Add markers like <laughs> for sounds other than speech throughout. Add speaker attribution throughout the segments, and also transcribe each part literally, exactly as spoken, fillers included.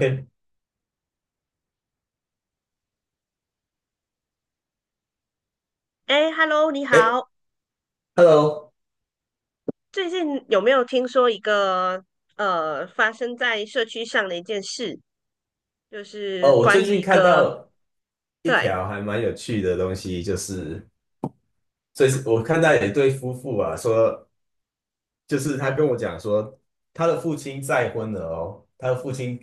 Speaker 1: <laughs> 哎
Speaker 2: 哎，Hello，你好。
Speaker 1: ，Hello，
Speaker 2: 最近有没有听说一个呃发生在社区上的一件事？就
Speaker 1: 哦，
Speaker 2: 是
Speaker 1: 我
Speaker 2: 关
Speaker 1: 最
Speaker 2: 于
Speaker 1: 近
Speaker 2: 一
Speaker 1: 看
Speaker 2: 个
Speaker 1: 到一
Speaker 2: 对
Speaker 1: 条还蛮有趣的东西，就是最我看到有一对夫妇啊，说就是他跟我讲说，他的父亲再婚了哦，他的父亲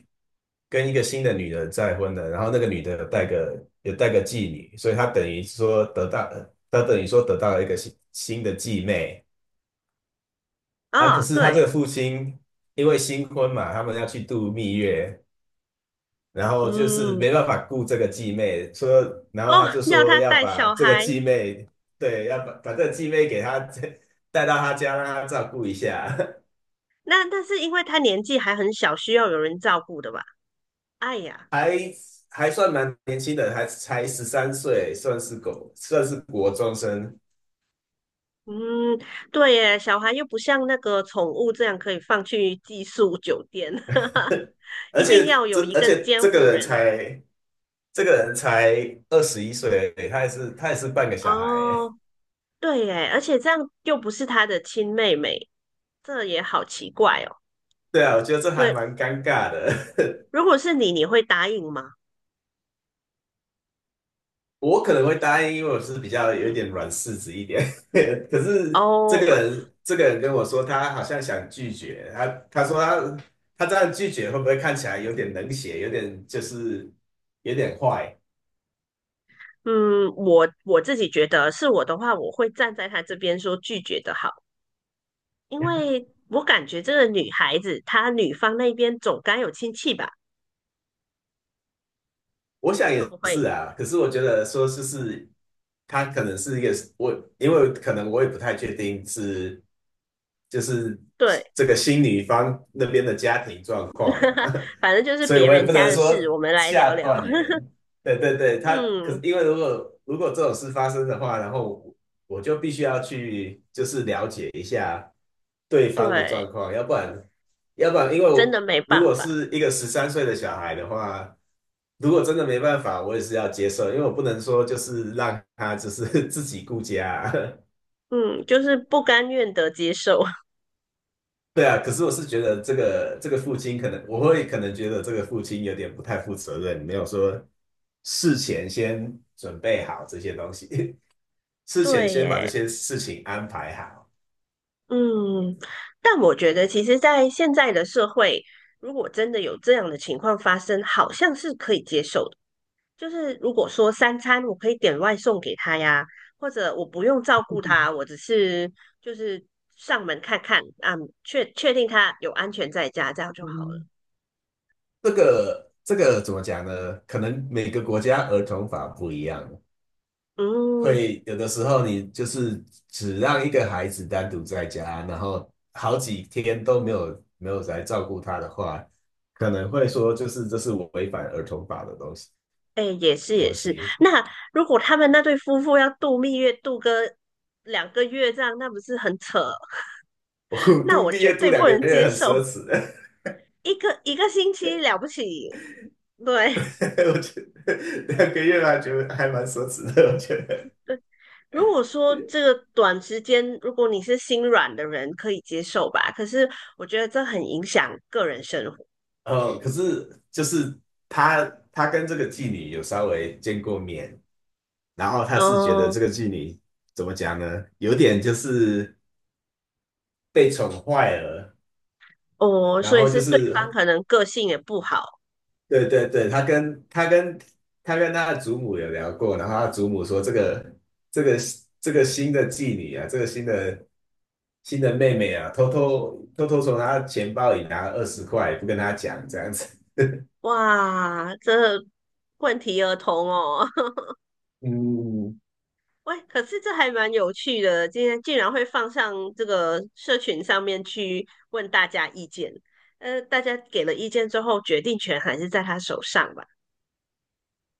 Speaker 1: 跟一个新的女人再婚了，然后那个女的有带个有带个继女，所以他等于说得到，他等于说得到了一个新新的继妹啊。可
Speaker 2: 啊、
Speaker 1: 是他这个
Speaker 2: 对。
Speaker 1: 父亲因为新婚嘛，他们要去度蜜月，然后就是
Speaker 2: 嗯。
Speaker 1: 没办法顾这个继妹，说，然
Speaker 2: 哦，
Speaker 1: 后他就
Speaker 2: 要
Speaker 1: 说
Speaker 2: 他
Speaker 1: 要
Speaker 2: 带
Speaker 1: 把
Speaker 2: 小
Speaker 1: 这个
Speaker 2: 孩。
Speaker 1: 继妹，对，要把把这个继妹给他 <laughs> 带到他家，让他照顾一下。
Speaker 2: 那但是因为他年纪还很小，需要有人照顾的吧？哎
Speaker 1: <laughs>
Speaker 2: 呀。
Speaker 1: 还还算蛮年轻的，还才十三岁，算是狗，算是国中生。
Speaker 2: 嗯。对耶，小孩又不像那个宠物这样可以放去寄宿酒店，<laughs>
Speaker 1: <laughs> 而
Speaker 2: 一定
Speaker 1: 且
Speaker 2: 要
Speaker 1: 这
Speaker 2: 有一
Speaker 1: 而
Speaker 2: 个
Speaker 1: 且
Speaker 2: 监
Speaker 1: 这个
Speaker 2: 护
Speaker 1: 人
Speaker 2: 人。
Speaker 1: 才这个人才二十一岁而已，他也是他也是半个小孩。
Speaker 2: 哦，对耶，而且这样又不是他的亲妹妹，这也好奇怪哦。
Speaker 1: <laughs> 对啊，我觉得这还
Speaker 2: 对。
Speaker 1: 蛮尴尬的。<laughs>
Speaker 2: 如果是你，你会答应吗？
Speaker 1: 我可能会答应，因为我是比较有一点软柿子一点。<laughs> 可是这个
Speaker 2: 哦。
Speaker 1: 人，这个人跟我说，他好像想拒绝。他他说他他这样拒绝，会不会看起来有点冷血，有点就是有点坏？
Speaker 2: 嗯，我我自己觉得是我的话，我会站在他这边说拒绝的好，因为我感觉这个女孩子她女方那边总该有亲戚吧？
Speaker 1: 我想
Speaker 2: 会
Speaker 1: 也
Speaker 2: 不
Speaker 1: 是
Speaker 2: 会？
Speaker 1: 啊。可是我觉得说，就是他可能是一个我，因为可能我也不太确定是。就是
Speaker 2: 对。
Speaker 1: 这个新女方那边的家庭状况
Speaker 2: <laughs>
Speaker 1: 啊，
Speaker 2: 反正就
Speaker 1: <laughs>
Speaker 2: 是
Speaker 1: 所以
Speaker 2: 别
Speaker 1: 我也
Speaker 2: 人
Speaker 1: 不
Speaker 2: 家
Speaker 1: 能
Speaker 2: 的事，我
Speaker 1: 说
Speaker 2: 们来聊
Speaker 1: 下
Speaker 2: 聊。
Speaker 1: 断
Speaker 2: <laughs>
Speaker 1: 言。对对对，他可是
Speaker 2: 嗯。
Speaker 1: 因为如果如果这种事发生的话，然后我我就必须要去就是了解一下对方的状
Speaker 2: 对，
Speaker 1: 况，要不然要不然因为
Speaker 2: 真的
Speaker 1: 我
Speaker 2: 没
Speaker 1: 如
Speaker 2: 办
Speaker 1: 果
Speaker 2: 法。
Speaker 1: 是一个十三岁的小孩的话，如果真的没办法，我也是要接受，因为我不能说就是让他就是 <laughs> 自己顾家啊。
Speaker 2: 嗯，就是不甘愿的接受。
Speaker 1: 对啊，可是我是觉得这个这个父亲可能，我会可能觉得这个父亲有点不太负责任，没有说事前先准备好这些东西，<laughs>
Speaker 2: <laughs>
Speaker 1: 事前
Speaker 2: 对
Speaker 1: 先把这
Speaker 2: 耶。
Speaker 1: 些事情安排好。
Speaker 2: 嗯，但我觉得，其实，在现在的社会，如果真的有这样的情况发生，好像是可以接受的。就是如果说三餐我可以点外送给他呀，或者我不用照顾他，我只是就是上门看看啊，确确定他有安全在家，这样就好了。
Speaker 1: 嗯，这个这个怎么讲呢？可能每个国家儿童法不一样，
Speaker 2: 嗯。
Speaker 1: 会有的时候你就是只让一个孩子单独在家，然后好几天都没有没有来照顾他的话，可能会说就是这是违反儿童法的东西。
Speaker 2: 哎，也是也
Speaker 1: 东
Speaker 2: 是。
Speaker 1: 西。
Speaker 2: 那如果他们那对夫妇要度蜜月，度个两个月这样，那不是很扯？
Speaker 1: <laughs> 我
Speaker 2: <laughs> 那
Speaker 1: 读
Speaker 2: 我
Speaker 1: 毕
Speaker 2: 绝
Speaker 1: 业读
Speaker 2: 对
Speaker 1: 两
Speaker 2: 不
Speaker 1: 个
Speaker 2: 能
Speaker 1: 月
Speaker 2: 接
Speaker 1: 很
Speaker 2: 受。
Speaker 1: 奢侈的。
Speaker 2: 一个一个星期了不起。对。
Speaker 1: <laughs> 我觉得两个月还觉得还蛮奢侈的，我觉
Speaker 2: <laughs>
Speaker 1: 得。
Speaker 2: 对。如果说这个短时间，如果你是心软的人，可以接受吧。可是我觉得这很影响个人生活。
Speaker 1: <laughs> 哦，可是就是他他跟这个妓女有稍微见过面，然后他是觉得
Speaker 2: 哦。
Speaker 1: 这个妓女怎么讲呢？有点就是被宠坏了，
Speaker 2: 哦，
Speaker 1: 然
Speaker 2: 所以
Speaker 1: 后就
Speaker 2: 是对方
Speaker 1: 是
Speaker 2: 可能个性也不好。
Speaker 1: 对对对，他跟他跟他跟他的祖母有聊过，然后他祖母说这个这个这个新的妓女啊，这个新的新的妹妹啊，偷偷偷偷从她钱包里拿二十块，不跟她讲这样子。
Speaker 2: 哇，这问题儿童哦。<laughs>
Speaker 1: 嗯，
Speaker 2: 喂，可是这还蛮有趣的，今天竟然会放上这个社群上面去问大家意见。呃，大家给了意见之后，决定权还是在他手上吧。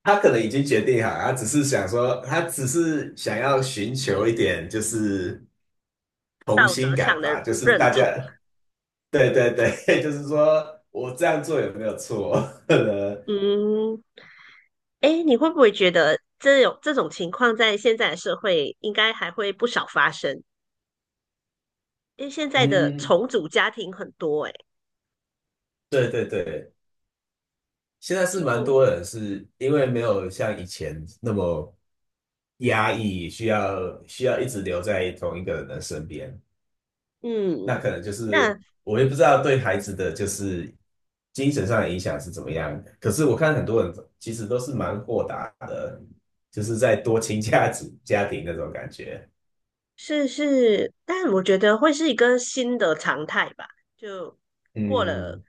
Speaker 1: 她可能已经决定好，她只是想说，她只是想要寻求一点就是同心感吧，就是
Speaker 2: 认
Speaker 1: 大家，
Speaker 2: 同。
Speaker 1: 对对对。<laughs> 就是说我这样做有没有错？<laughs>
Speaker 2: 嗯。哎，你会不会觉得这种这种情况在现在的社会应该还会不少发生？因为现在的
Speaker 1: 嗯，
Speaker 2: 重组家庭很多。哎，
Speaker 1: 对对对，现在是蛮
Speaker 2: 就
Speaker 1: 多人是因为没有像以前那么压抑，需要需要一直留在同一个人的身边。那
Speaker 2: 嗯，
Speaker 1: 可能就是
Speaker 2: 那
Speaker 1: 我也不知道对孩子的就是精神上的影响是怎么样。可是我看很多人其实都是蛮豁达的，就是在多亲家子家庭那种感觉。
Speaker 2: 是是，但我觉得会是一个新的常态吧。就过了，
Speaker 1: 嗯，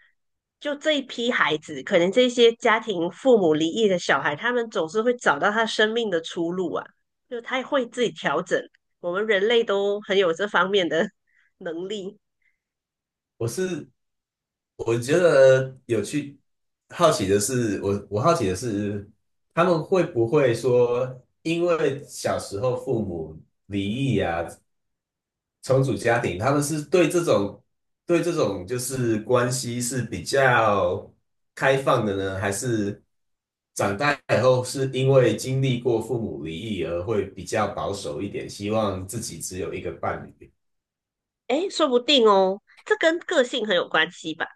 Speaker 2: 就这一批孩子，可能这些家庭父母离异的小孩，他们总是会找到他生命的出路啊，就他会自己调整。我们人类都很有这方面的 <laughs> 能力。
Speaker 1: 我是我觉得有趣，好奇的是，我我好奇的是，他们会不会说，因为小时候父母离异啊，重组家庭，他们是对这种对这种就是关系是比较开放的呢，还是长大以后是因为经历过父母离异而会比较保守一点，希望自己只有一个伴侣？
Speaker 2: 诶，说不定哦，这跟个性很有关系吧，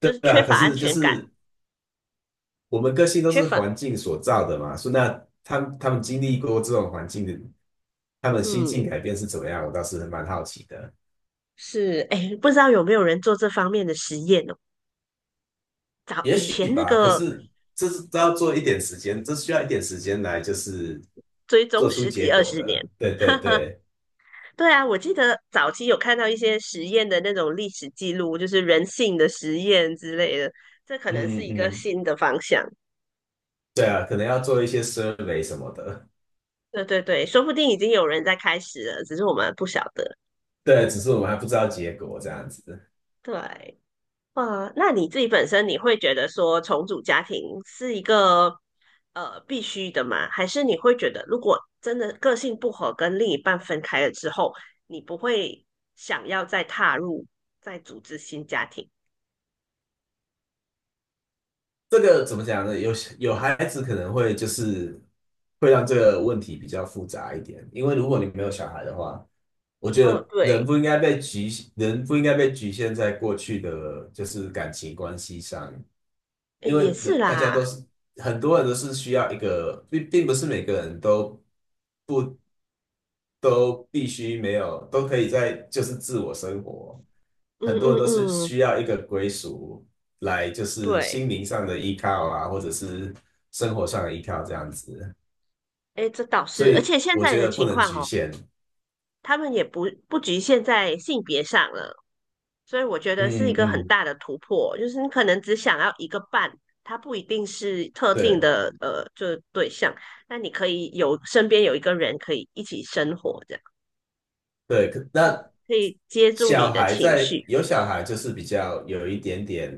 Speaker 2: 就
Speaker 1: 对
Speaker 2: 是缺
Speaker 1: 啊，可
Speaker 2: 乏安
Speaker 1: 是就
Speaker 2: 全感。
Speaker 1: 是我们个性都
Speaker 2: 缺
Speaker 1: 是
Speaker 2: 乏。
Speaker 1: 环境所造的嘛，所以那他们他们经历过这种环境的，他们心境
Speaker 2: 嗯，
Speaker 1: 改变是怎么样？我倒是蛮好奇的。
Speaker 2: 是。诶，不知道有没有人做这方面的实验哦？早
Speaker 1: 也
Speaker 2: 以
Speaker 1: 许
Speaker 2: 前那
Speaker 1: 吧，可
Speaker 2: 个
Speaker 1: 是这是都要做一点时间，这需要一点时间来，就是
Speaker 2: 追
Speaker 1: 做
Speaker 2: 踪
Speaker 1: 出
Speaker 2: 十
Speaker 1: 结
Speaker 2: 几二
Speaker 1: 果
Speaker 2: 十年。
Speaker 1: 的。对对对，
Speaker 2: 对啊，我记得早期有看到一些实验的那种历史记录，就是人性的实验之类的，这可能是
Speaker 1: 嗯嗯
Speaker 2: 一个
Speaker 1: 嗯，
Speaker 2: 新的方向。
Speaker 1: 对啊，可能要做一些 survey 什么的。
Speaker 2: 对对对，说不定已经有人在开始了，只是我们不晓得。
Speaker 1: 对，只是我们还不知道结果这样子。
Speaker 2: 对。哇，那你自己本身你会觉得说重组家庭是一个呃必须的吗？还是你会觉得如果真的个性不合跟另一半分开了之后，你不会想要再踏入再组织新家庭？
Speaker 1: 这个怎么讲呢？有有孩子可能会就是会让这个问题比较复杂一点。因为如果你没有小孩的话，我觉
Speaker 2: 哦，
Speaker 1: 得人
Speaker 2: 对。
Speaker 1: 不应该被局，人不应该被局限在过去的就是感情关系上，
Speaker 2: 诶
Speaker 1: 因为
Speaker 2: 也是
Speaker 1: 人大家
Speaker 2: 啦。
Speaker 1: 都是很多人都是需要一个，并并不是每个人都都必须没有，都可以在就是自我生活。
Speaker 2: 嗯
Speaker 1: 很多人都是
Speaker 2: 嗯嗯。
Speaker 1: 需要一个归属来，就是
Speaker 2: 对。
Speaker 1: 心灵上的依靠啊，或者是生活上的依靠这样子。
Speaker 2: 哎，这倒
Speaker 1: 所
Speaker 2: 是，而
Speaker 1: 以
Speaker 2: 且现
Speaker 1: 我
Speaker 2: 在
Speaker 1: 觉
Speaker 2: 的
Speaker 1: 得不
Speaker 2: 情
Speaker 1: 能
Speaker 2: 况
Speaker 1: 局
Speaker 2: 哦，
Speaker 1: 限。
Speaker 2: 他们也不不局限在性别上了，所以我觉得是一
Speaker 1: 嗯
Speaker 2: 个很
Speaker 1: 嗯，
Speaker 2: 大的突破，就是你可能只想要一个伴，他不一定是特定
Speaker 1: 对。
Speaker 2: 的呃，就是对象，但你可以有身边有一个人可以一起生活，这样。
Speaker 1: 对，可
Speaker 2: 嗯，
Speaker 1: 那
Speaker 2: 可以接住你
Speaker 1: 小
Speaker 2: 的
Speaker 1: 孩
Speaker 2: 情
Speaker 1: 在
Speaker 2: 绪、
Speaker 1: 有小孩就是比较有一点点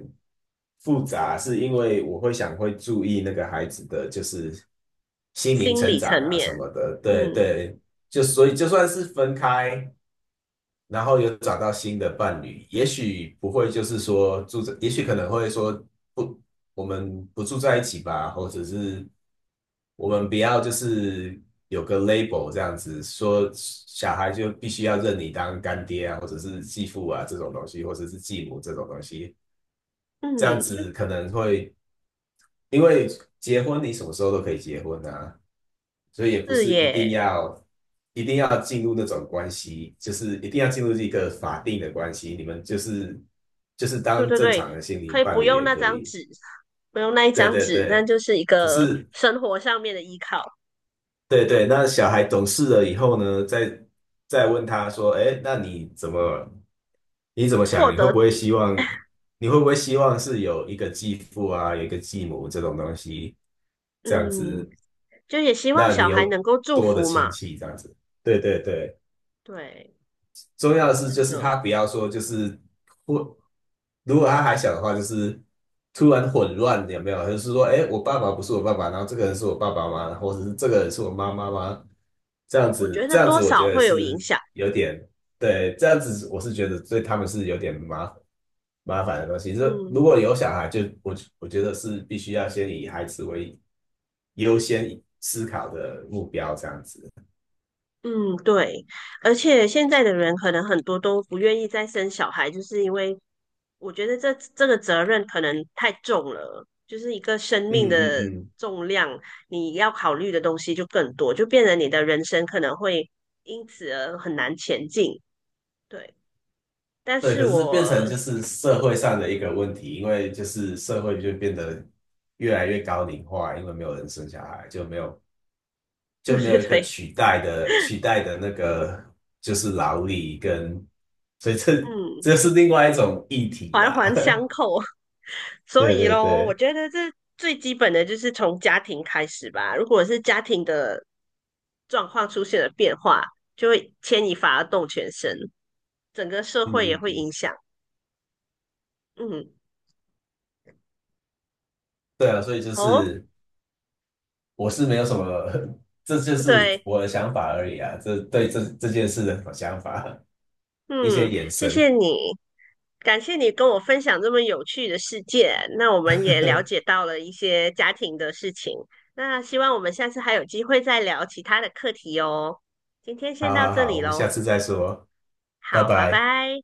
Speaker 1: 复杂，是因为我会想会注意那个孩子的就是心灵
Speaker 2: 心
Speaker 1: 成
Speaker 2: 理
Speaker 1: 长
Speaker 2: 层
Speaker 1: 啊什
Speaker 2: 面。
Speaker 1: 么的，对
Speaker 2: 嗯
Speaker 1: 对，就所以就算是分开，然后有找到新的伴侣，也许不会就是说住在，也许可能会说不，我们不住在一起吧，或者是我们不要就是有个 label 这样子，说小孩就必须要认你当干爹啊，或者是继父啊这种东西，或者是继母这种东西，这样
Speaker 2: 嗯。就
Speaker 1: 子可能会，因为结婚你什么时候都可以结婚啊，所以也不
Speaker 2: 是
Speaker 1: 是一定
Speaker 2: 耶。
Speaker 1: 要一定要进入那种关系，就是一定要进入一个法定的关系，你们就是就是
Speaker 2: 对
Speaker 1: 当
Speaker 2: 对
Speaker 1: 正
Speaker 2: 对，
Speaker 1: 常的心
Speaker 2: 可
Speaker 1: 灵
Speaker 2: 以
Speaker 1: 伴
Speaker 2: 不
Speaker 1: 侣
Speaker 2: 用
Speaker 1: 也
Speaker 2: 那
Speaker 1: 可
Speaker 2: 张
Speaker 1: 以。
Speaker 2: 纸，不用那一
Speaker 1: 对
Speaker 2: 张
Speaker 1: 对
Speaker 2: 纸，但
Speaker 1: 对，
Speaker 2: 就是一
Speaker 1: 只
Speaker 2: 个
Speaker 1: 是
Speaker 2: 生活上面的依靠。
Speaker 1: 对对，那小孩懂事了以后呢，再再问他说，哎，那你怎么你怎么想？
Speaker 2: 获
Speaker 1: 你会不
Speaker 2: 得。
Speaker 1: 会希望你会不会希望是有一个继父啊，有一个继母这种东西，这样
Speaker 2: 嗯，
Speaker 1: 子，
Speaker 2: 就也希望
Speaker 1: 那
Speaker 2: 小
Speaker 1: 你
Speaker 2: 孩
Speaker 1: 有
Speaker 2: 能够祝
Speaker 1: 多的
Speaker 2: 福
Speaker 1: 亲
Speaker 2: 嘛。
Speaker 1: 戚这样子？对对对。
Speaker 2: 对，
Speaker 1: 重要的是，就
Speaker 2: 真
Speaker 1: 是
Speaker 2: 的。
Speaker 1: 他不要说就是混，如果他还小的话，就是突然混乱，有没有？就是说，哎，我爸爸不是我爸爸，然后这个人是我爸爸吗？或者是这个人是我妈妈吗？这样
Speaker 2: 我
Speaker 1: 子，
Speaker 2: 觉得
Speaker 1: 这样
Speaker 2: 多
Speaker 1: 子，我
Speaker 2: 少
Speaker 1: 觉得
Speaker 2: 会有影
Speaker 1: 是
Speaker 2: 响。
Speaker 1: 有点，对，这样子我是觉得对他们是有点麻烦麻烦的东西。这如
Speaker 2: 嗯
Speaker 1: 果有小孩就，我我觉得是必须要先以孩子为优先思考的目标，这样子。
Speaker 2: 嗯。对，而且现在的人可能很多都不愿意再生小孩，就是因为我觉得这这个责任可能太重了，就是一个生命
Speaker 1: 嗯嗯
Speaker 2: 的
Speaker 1: 嗯。
Speaker 2: 重量，你要考虑的东西就更多，就变得你的人生可能会因此而很难前进。对，但
Speaker 1: 对，
Speaker 2: 是
Speaker 1: 可是变
Speaker 2: 我
Speaker 1: 成就是社会上的一个问题，因为就是社会就变得越来越高龄化，因为没有人生小孩，就没有
Speaker 2: <laughs> 对
Speaker 1: 就没
Speaker 2: 对
Speaker 1: 有一个
Speaker 2: 对。
Speaker 1: 取代的取代的那个就是劳力跟，所以这
Speaker 2: 嗯。
Speaker 1: 这是另外一种议题
Speaker 2: 缓
Speaker 1: 啦。
Speaker 2: 缓
Speaker 1: <laughs>
Speaker 2: 所
Speaker 1: 对
Speaker 2: 以
Speaker 1: 对
Speaker 2: 咯，我
Speaker 1: 对，
Speaker 2: 觉得这最基本的就是从家庭开始吧。如果是家庭的状况出现了变化，就会牵一发而动全身，整个社
Speaker 1: 嗯
Speaker 2: 会也
Speaker 1: 嗯
Speaker 2: 会
Speaker 1: 嗯。
Speaker 2: 影响。嗯。
Speaker 1: 对啊，所以就
Speaker 2: 哦，
Speaker 1: 是我是没有什么，<laughs> 这就是
Speaker 2: 对。
Speaker 1: 我的想法而已啊，这对这这件事的想法，一些
Speaker 2: 嗯，
Speaker 1: 延
Speaker 2: 谢
Speaker 1: 伸。
Speaker 2: 谢你，感谢你跟我分享这么有趣的世界。那我们也了解
Speaker 1: <laughs>
Speaker 2: 到了一些家庭的事情。那希望我们下次还有机会再聊其他的课题哦。今天先
Speaker 1: 好
Speaker 2: 到
Speaker 1: 好
Speaker 2: 这
Speaker 1: 好，
Speaker 2: 里
Speaker 1: 我们下
Speaker 2: 喽，
Speaker 1: 次再说。拜
Speaker 2: 好，拜
Speaker 1: 拜。
Speaker 2: 拜。